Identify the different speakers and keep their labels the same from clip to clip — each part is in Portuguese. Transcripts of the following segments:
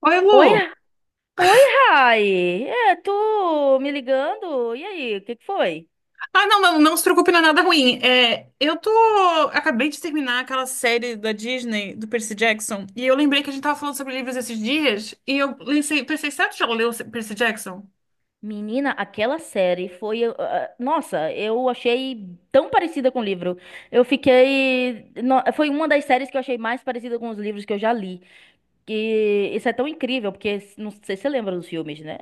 Speaker 1: Oi,
Speaker 2: Oi,
Speaker 1: Lu.
Speaker 2: Oi, Rai. É, tu me ligando? E aí, o que que foi?
Speaker 1: Ah, não, não, não se preocupe, não é nada ruim. É, eu tô. Acabei de terminar aquela série da Disney, do Percy Jackson, e eu lembrei que a gente tava falando sobre livros esses dias, e eu pensei, pensei, será que tu já leu Percy Jackson?
Speaker 2: Menina, aquela série foi. Nossa, eu achei tão parecida com o livro. Eu fiquei. No- Foi uma das séries que eu achei mais parecida com os livros que eu já li. E isso é tão incrível, porque não sei se você lembra dos filmes, né?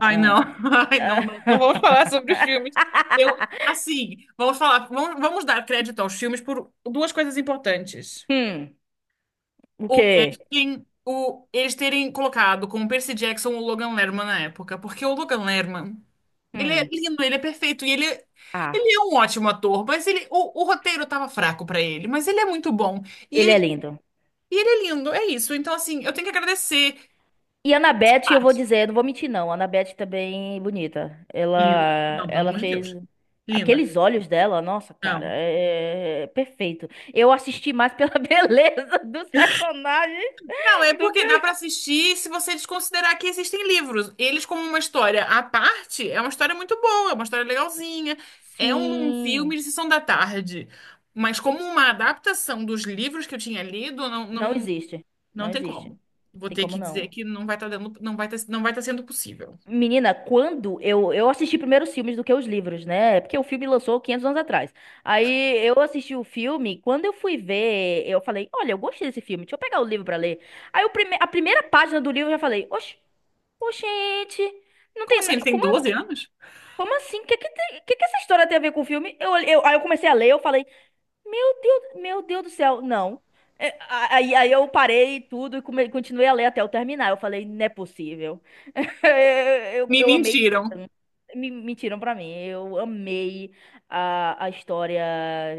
Speaker 1: Ai, não. Ai, não, não, não vamos falar sobre os filmes. Eu, assim, vamos falar, vamos dar crédito aos filmes por duas coisas importantes.
Speaker 2: Hum, o
Speaker 1: O
Speaker 2: quê?
Speaker 1: casting, eles terem colocado como Percy Jackson o Logan Lerman na época, porque o Logan Lerman. Ele é
Speaker 2: Hum,
Speaker 1: lindo, ele é perfeito. E ele, é-
Speaker 2: ah,
Speaker 1: ele é um ótimo ator, mas ele, o roteiro tava fraco pra ele, mas ele é muito bom.
Speaker 2: ele é
Speaker 1: E,
Speaker 2: lindo.
Speaker 1: e ele é lindo, é isso. Então, assim, eu tenho que agradecer.
Speaker 2: E a Anabete, eu vou dizer, não vou mentir não, a Anabete também é bonita.
Speaker 1: Linda.
Speaker 2: Ela,
Speaker 1: Não, pelo
Speaker 2: ela
Speaker 1: amor de
Speaker 2: fez
Speaker 1: Deus. Linda.
Speaker 2: aqueles olhos dela, nossa, cara,
Speaker 1: Não.
Speaker 2: é perfeito. Eu assisti mais pela beleza dos personagens
Speaker 1: Não, é
Speaker 2: do
Speaker 1: porque dá pra
Speaker 2: que...
Speaker 1: assistir se você desconsiderar que existem livros. Eles, como uma história à parte, é uma história muito boa, é uma história legalzinha. É um
Speaker 2: Sim,
Speaker 1: filme de sessão da tarde. Mas como uma adaptação dos livros que eu tinha lido, não,
Speaker 2: não
Speaker 1: não.
Speaker 2: existe,
Speaker 1: Não
Speaker 2: não
Speaker 1: tem
Speaker 2: existe,
Speaker 1: como. Vou
Speaker 2: tem
Speaker 1: ter
Speaker 2: como
Speaker 1: que dizer
Speaker 2: não.
Speaker 1: que não vai estar dando, não vai tá, não vai tá sendo possível.
Speaker 2: Menina, quando eu assisti primeiro os filmes do que os livros, né? Porque o filme lançou 500 anos atrás. Aí eu assisti o filme, quando eu fui ver, eu falei: olha, eu gostei desse filme, deixa eu pegar o livro pra ler. Aí o prime a primeira página do livro eu já falei: oxe, oxente, não
Speaker 1: Como
Speaker 2: tem.
Speaker 1: assim?
Speaker 2: Na-
Speaker 1: Ele tem
Speaker 2: Como,
Speaker 1: doze anos?
Speaker 2: como assim? O que, que, que essa história tem a ver com o filme? Aí eu comecei a ler, eu falei: meu Deus, meu Deus do céu, não. Aí eu parei tudo e continuei a ler até eu terminar. Eu falei: não é possível. eu,
Speaker 1: Me
Speaker 2: eu amei
Speaker 1: mentiram.
Speaker 2: me mentiram pra mim. Eu amei a história.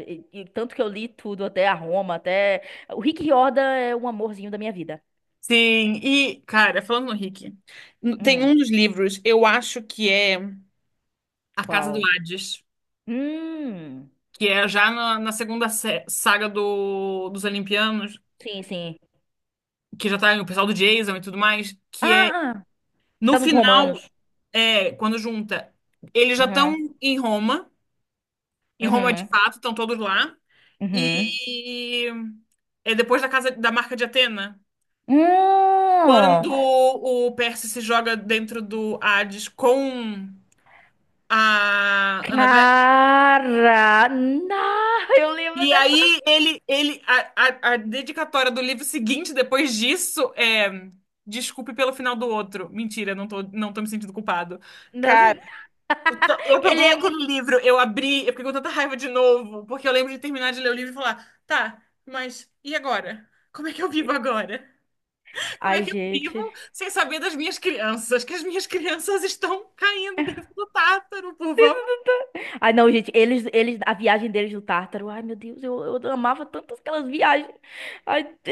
Speaker 2: E tanto que eu li tudo, até a Roma, até. O Rick Riordan é um amorzinho da minha vida.
Speaker 1: Sim, e, cara, falando no Rick, tem
Speaker 2: Hum,
Speaker 1: um dos livros, eu acho que é A Casa do
Speaker 2: qual?
Speaker 1: Hades,
Speaker 2: Hum.
Speaker 1: que é já na segunda saga dos Olimpianos,
Speaker 2: Sim, sim.
Speaker 1: que já tá o pessoal do Jason e tudo mais, que é,
Speaker 2: Ah, ah, que
Speaker 1: no
Speaker 2: tá nos
Speaker 1: final,
Speaker 2: romanos.
Speaker 1: é, quando junta, eles já estão
Speaker 2: Uhum,
Speaker 1: em Roma, em Roma de
Speaker 2: uhum,
Speaker 1: fato, estão todos lá.
Speaker 2: uhum.
Speaker 1: E é depois da casa da marca de Atena,
Speaker 2: Hum,
Speaker 1: quando o Perse se joga dentro do Hades com a Annabeth.
Speaker 2: cara, não, eu lembro
Speaker 1: E
Speaker 2: dessa.
Speaker 1: aí ele a dedicatória do livro seguinte depois disso é: Desculpe pelo final do outro. Mentira, não tô me sentindo culpado.
Speaker 2: Não.
Speaker 1: Cara, então, eu
Speaker 2: Ele
Speaker 1: peguei
Speaker 2: é.
Speaker 1: aquele livro, eu abri, eu fiquei com tanta raiva de novo, porque eu lembro de terminar de ler o livro e falar, tá, mas e agora? Como é que eu vivo agora? Como é
Speaker 2: Ai,
Speaker 1: que eu
Speaker 2: gente.
Speaker 1: vivo sem saber das minhas crianças? Que as minhas crianças estão caindo dentro do tártaro, por favor.
Speaker 2: Ai, não, gente, a viagem deles do Tártaro, ai, meu Deus, eu amava tanto aquelas viagens. Ai, é,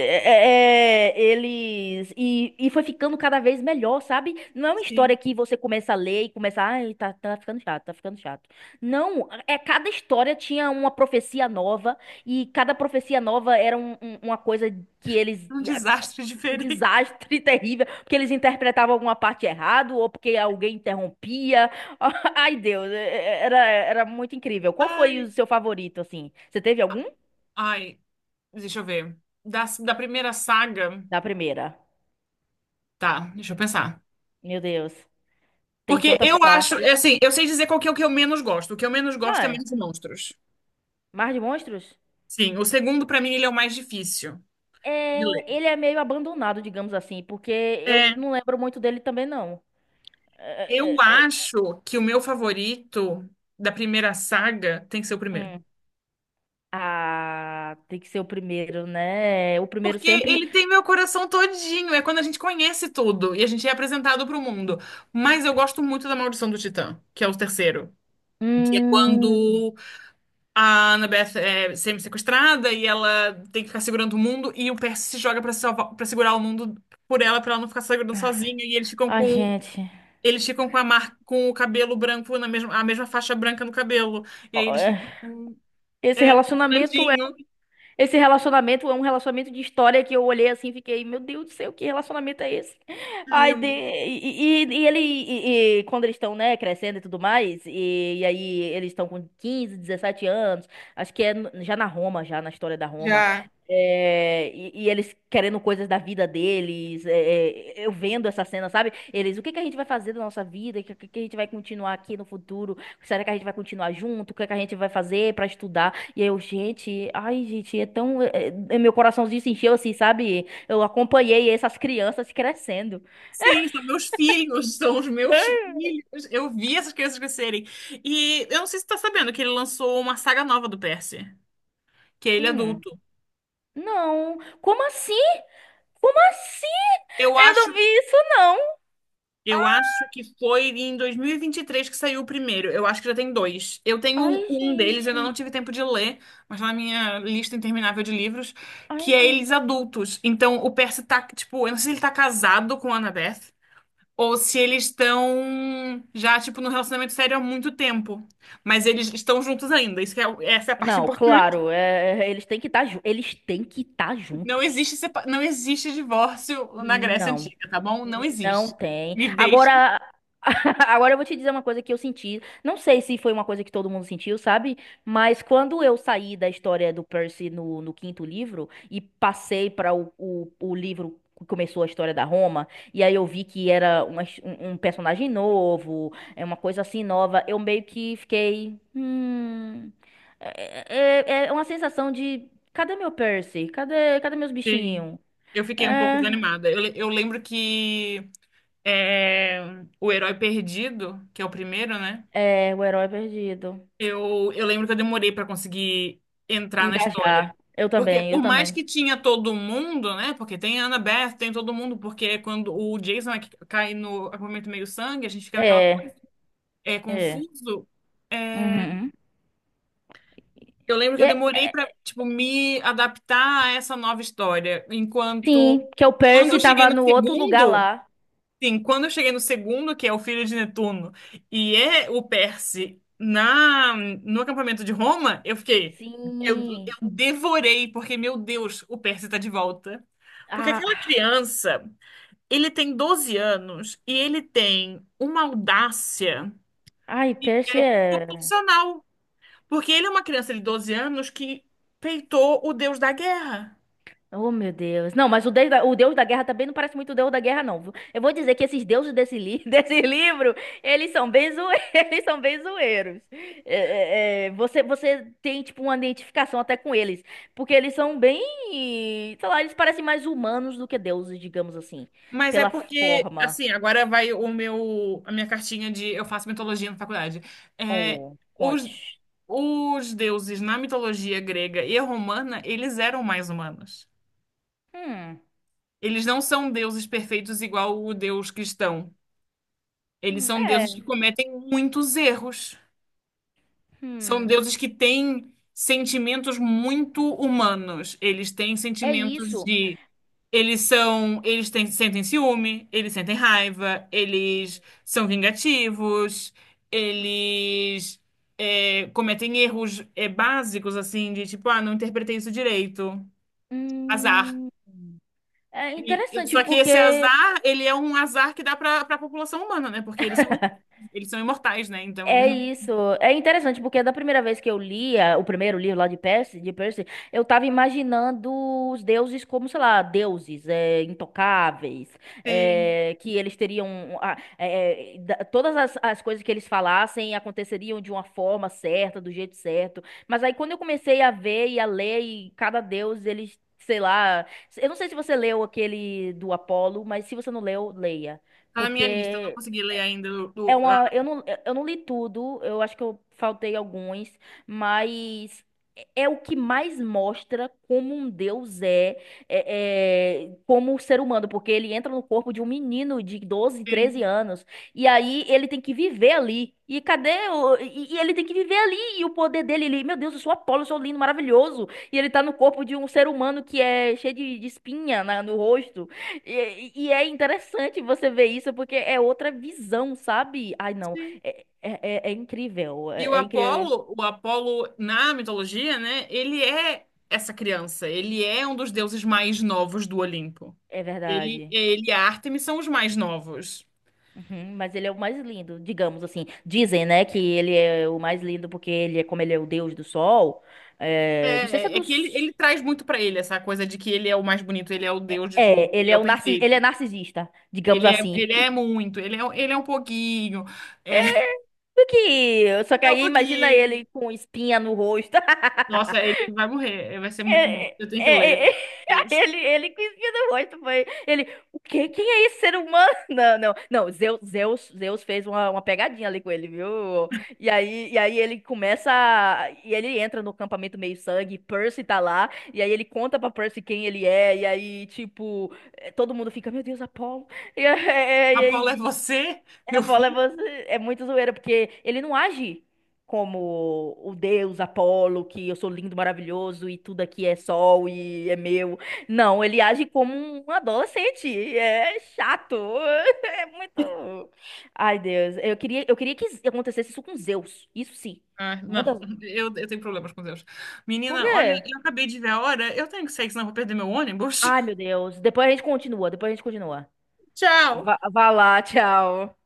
Speaker 2: é, é, eles. E foi ficando cada vez melhor, sabe? Não é uma história
Speaker 1: Sim,
Speaker 2: que você começa a ler e começa, ai, tá, tá ficando chato, tá ficando chato. Não, é cada história tinha uma profecia nova, e cada profecia nova era uma coisa que eles
Speaker 1: um desastre
Speaker 2: um
Speaker 1: diferente.
Speaker 2: desastre terrível, porque eles interpretavam alguma parte errado ou porque alguém interrompia. Ai, Deus, era muito incrível. Qual foi o
Speaker 1: Ai,
Speaker 2: seu favorito, assim? Você teve algum?
Speaker 1: ai, deixa eu ver. Da primeira saga.
Speaker 2: Da primeira.
Speaker 1: Tá, deixa eu pensar.
Speaker 2: Meu Deus, tem
Speaker 1: Porque
Speaker 2: tantas
Speaker 1: eu acho, é
Speaker 2: partes.
Speaker 1: assim, eu sei dizer qual que é o que eu menos gosto. O que eu menos gosto é
Speaker 2: Ah,
Speaker 1: Menos Monstros.
Speaker 2: Mar de Monstros?
Speaker 1: Sim, o segundo, pra mim, ele é o mais difícil
Speaker 2: É,
Speaker 1: de ler.
Speaker 2: ele é meio abandonado, digamos assim, porque eu
Speaker 1: É,
Speaker 2: não lembro muito dele também, não.
Speaker 1: eu
Speaker 2: É, é, é,
Speaker 1: acho que o meu favorito da primeira saga tem que ser o primeiro.
Speaker 2: hum. Ah, tem que ser o primeiro, né? O primeiro
Speaker 1: Porque
Speaker 2: sempre.
Speaker 1: ele tem meu coração todinho. É quando a gente conhece tudo e a gente é apresentado para o mundo. Mas eu gosto muito da Maldição do Titã, que é o terceiro. Que é
Speaker 2: Hum.
Speaker 1: quando a Annabeth é semi-sequestrada e ela tem que ficar segurando o mundo e o Percy se joga para salvar, para segurar o mundo por ela, para ela não ficar segurando sozinha. E eles ficam
Speaker 2: Ai,
Speaker 1: com
Speaker 2: gente.
Speaker 1: eles ficam com a marca, com o cabelo branco a mesma faixa branca no cabelo. E aí eles ficam com,
Speaker 2: Esse
Speaker 1: é,
Speaker 2: relacionamento é,
Speaker 1: grandinho,
Speaker 2: esse relacionamento é um relacionamento de história que eu olhei assim e fiquei, meu Deus do céu, que relacionamento é esse? Ai, de...
Speaker 1: lindo.
Speaker 2: ele, e quando eles estão, né, crescendo e tudo mais, e aí eles estão com 15 17 anos, acho que é já na Roma, já na história da Roma,
Speaker 1: Já.
Speaker 2: e eles querendo coisas da vida deles, eu vendo essa cena, sabe? Eles, o que que a gente vai fazer da nossa vida? O que, que a gente vai continuar aqui no futuro? Será que a gente vai continuar junto? O que que a gente vai fazer pra estudar? E eu, gente, ai, gente, meu coraçãozinho se encheu assim, sabe? Eu acompanhei essas crianças crescendo.
Speaker 1: Sim, são meus filhos, são os meus
Speaker 2: É.
Speaker 1: filhos. Eu vi essas crianças crescerem. E eu não sei se você tá sabendo que ele lançou uma saga nova do Percy, que é ele
Speaker 2: Hum,
Speaker 1: adulto.
Speaker 2: não. Como assim? Como assim?
Speaker 1: Eu
Speaker 2: Eu
Speaker 1: acho
Speaker 2: não vi
Speaker 1: que,
Speaker 2: isso, não.
Speaker 1: eu acho que foi em 2023 que saiu o primeiro. Eu acho que já tem dois. Eu tenho
Speaker 2: Ai,
Speaker 1: um deles, eu ainda
Speaker 2: gente.
Speaker 1: não tive tempo de ler, mas tá na minha lista interminável de livros,
Speaker 2: Ai,
Speaker 1: que é
Speaker 2: gente.
Speaker 1: eles adultos. Então o Percy tá, tipo, eu não sei se ele tá casado com a Annabeth. Ou se eles estão já, tipo, num relacionamento sério há muito tempo. Mas eles estão juntos ainda. Isso que é, essa é a parte
Speaker 2: Não,
Speaker 1: importante.
Speaker 2: claro, eles têm que estar, eles têm que estar
Speaker 1: Não
Speaker 2: juntos.
Speaker 1: existe, sepa- não existe divórcio na Grécia
Speaker 2: Não.
Speaker 1: Antiga, tá bom? Não
Speaker 2: Não
Speaker 1: existe.
Speaker 2: tem.
Speaker 1: Me deixe.
Speaker 2: Agora, agora eu vou te dizer uma coisa que eu senti. Não sei se foi uma coisa que todo mundo sentiu, sabe? Mas quando eu saí da história do Percy no quinto livro e passei para o livro que começou a história da Roma, e aí eu vi que era um personagem novo, é uma coisa assim nova, eu meio que fiquei. É uma sensação de. Cadê meu Percy? Cadê, cadê meus
Speaker 1: Sim.
Speaker 2: bichinhos?
Speaker 1: Eu fiquei um pouco
Speaker 2: É,
Speaker 1: desanimada. Eu lembro que é, o Herói Perdido, que é o primeiro, né?
Speaker 2: o herói perdido.
Speaker 1: Eu lembro que eu demorei pra conseguir entrar na história.
Speaker 2: Engajar. Eu
Speaker 1: Porque
Speaker 2: também, eu
Speaker 1: por mais
Speaker 2: também.
Speaker 1: que tinha todo mundo, né? Porque tem a Annabeth, tem todo mundo, porque quando o Jason é que cai no acampamento meio-sangue, a gente fica naquela coisa,
Speaker 2: É,
Speaker 1: é
Speaker 2: é.
Speaker 1: confuso. É,
Speaker 2: Uhum.
Speaker 1: eu lembro que
Speaker 2: E
Speaker 1: eu
Speaker 2: É,
Speaker 1: demorei pra,
Speaker 2: é,
Speaker 1: tipo, me adaptar a essa nova história. Enquanto
Speaker 2: sim, que o
Speaker 1: quando
Speaker 2: Percy
Speaker 1: eu cheguei
Speaker 2: tava
Speaker 1: no
Speaker 2: no outro lugar
Speaker 1: segundo,
Speaker 2: lá.
Speaker 1: sim, quando eu cheguei no segundo, que é o filho de Netuno, e é o Perse no acampamento de Roma, eu fiquei.
Speaker 2: Sim.
Speaker 1: Eu devorei, porque, meu Deus, o Perse tá de volta. Porque
Speaker 2: Ah,
Speaker 1: aquela criança, ele tem 12 anos e ele tem uma audácia
Speaker 2: ai, Percy é.
Speaker 1: proporcional. Porque ele é uma criança de 12 anos que peitou o deus da guerra.
Speaker 2: Oh, meu Deus. Não, mas o Deus da Guerra também não parece muito o Deus da Guerra, não. Viu? Eu vou dizer que esses deuses desse livro, eles são bem, zoe- eles são bem zoeiros. É, você, você tem, tipo, uma identificação até com eles. Porque eles são bem... Sei lá, eles parecem mais humanos do que deuses, digamos assim.
Speaker 1: Mas é
Speaker 2: Pela
Speaker 1: porque,
Speaker 2: forma.
Speaker 1: assim, agora vai a minha cartinha de eu faço mitologia na faculdade. É,
Speaker 2: Oh,
Speaker 1: os,
Speaker 2: conte.
Speaker 1: os deuses na mitologia grega e romana, eles eram mais humanos.
Speaker 2: Hum,
Speaker 1: Eles não são deuses perfeitos igual o deus cristão. Eles
Speaker 2: hum,
Speaker 1: são deuses que
Speaker 2: é,
Speaker 1: cometem muitos erros. São
Speaker 2: hum,
Speaker 1: deuses que têm sentimentos muito humanos. Eles têm
Speaker 2: é
Speaker 1: sentimentos
Speaker 2: isso.
Speaker 1: de. Eles são, eles têm- sentem ciúme, eles sentem raiva, eles são vingativos, eles é, cometem erros é, básicos, assim, de tipo, ah, não interpretei isso direito, azar.
Speaker 2: Hum, é
Speaker 1: E-
Speaker 2: interessante
Speaker 1: só que esse
Speaker 2: porque
Speaker 1: azar, ele é um azar que dá para a população humana, né? Porque eles são imortais, né? Então eles
Speaker 2: é
Speaker 1: não
Speaker 2: isso. É interessante, porque da primeira vez que eu lia o primeiro livro lá de Percy, eu tava imaginando os deuses como, sei lá, intocáveis,
Speaker 1: têm.
Speaker 2: é, que eles teriam. Todas as coisas que eles falassem aconteceriam de uma forma certa, do jeito certo. Mas aí quando eu comecei a ver e a ler, e cada deus, eles, sei lá. Eu não sei se você leu aquele do Apolo, mas se você não leu, leia.
Speaker 1: Tá na minha lista, eu não
Speaker 2: Porque
Speaker 1: consegui ler ainda.
Speaker 2: é uma, eu não li tudo, eu acho que eu faltei alguns, mas é o que mais mostra como um deus é, é, é, como um ser humano, porque ele entra no corpo de um menino de 12, 13 anos, e aí ele tem que viver ali. E ele tem que viver ali, e o poder dele, ele, meu Deus, eu sou Apolo, eu sou lindo, maravilhoso, e ele tá no corpo de um ser humano que é cheio de espinha no rosto. E é interessante você ver isso, porque é outra visão, sabe? Ai, não.
Speaker 1: Sim.
Speaker 2: É, é, é incrível.
Speaker 1: E o
Speaker 2: É, é incrível.
Speaker 1: Apolo, o Apolo na mitologia, né? Ele é essa criança. Ele é um dos deuses mais novos do Olimpo.
Speaker 2: É
Speaker 1: Ele,
Speaker 2: verdade.
Speaker 1: ele e a Ártemis são os mais novos.
Speaker 2: Uhum, mas ele é o mais lindo, digamos assim. Dizem, né, que ele é o mais lindo porque ele é, como ele é o deus do sol.
Speaker 1: É,
Speaker 2: É, não sei se é
Speaker 1: é que ele
Speaker 2: dos.
Speaker 1: traz muito pra ele essa coisa de que ele é o mais bonito, ele é o deus de tudo,
Speaker 2: É, ele
Speaker 1: ele é
Speaker 2: é
Speaker 1: o
Speaker 2: o ele
Speaker 1: perfeito.
Speaker 2: é narcisista, digamos
Speaker 1: Ele é,
Speaker 2: assim.
Speaker 1: ele é muito, ele é um pouquinho. É,
Speaker 2: Porque, só que
Speaker 1: é um
Speaker 2: aí imagina
Speaker 1: pouquinho.
Speaker 2: ele com espinha no rosto.
Speaker 1: Nossa, ele vai morrer, vai ser muito bom.
Speaker 2: É,
Speaker 1: Eu tenho que ler.
Speaker 2: é, é, é,
Speaker 1: Meu Deus.
Speaker 2: ele que riu do rosto, foi. Ele, o quê? Quem é esse ser humano? Não, não, não. Zeus, Zeus, Zeus fez uma pegadinha ali com ele, viu? E aí ele começa. E ele entra no acampamento meio sangue, Percy tá lá, e aí ele conta pra Percy quem ele é, e aí, tipo, todo mundo fica, meu Deus, Apolo.
Speaker 1: Apolo é
Speaker 2: E,
Speaker 1: você, meu
Speaker 2: eu falo, é,
Speaker 1: filho?
Speaker 2: é muito zoeira, porque ele não age como o deus Apolo, que eu sou lindo, maravilhoso e tudo aqui é sol e é meu. Não, ele age como um adolescente. É chato. É muito. Ai, Deus. Eu queria que acontecesse isso com Zeus. Isso sim.
Speaker 1: Ah, não,
Speaker 2: Manda.
Speaker 1: eu tenho problemas com Deus.
Speaker 2: Por
Speaker 1: Menina, olha,
Speaker 2: quê?
Speaker 1: eu acabei de ver a hora. Eu tenho que sair, senão eu vou perder meu ônibus.
Speaker 2: Ai, meu Deus. Depois a gente continua. Depois a gente continua.
Speaker 1: Tchau!
Speaker 2: Vá, vá lá, tchau.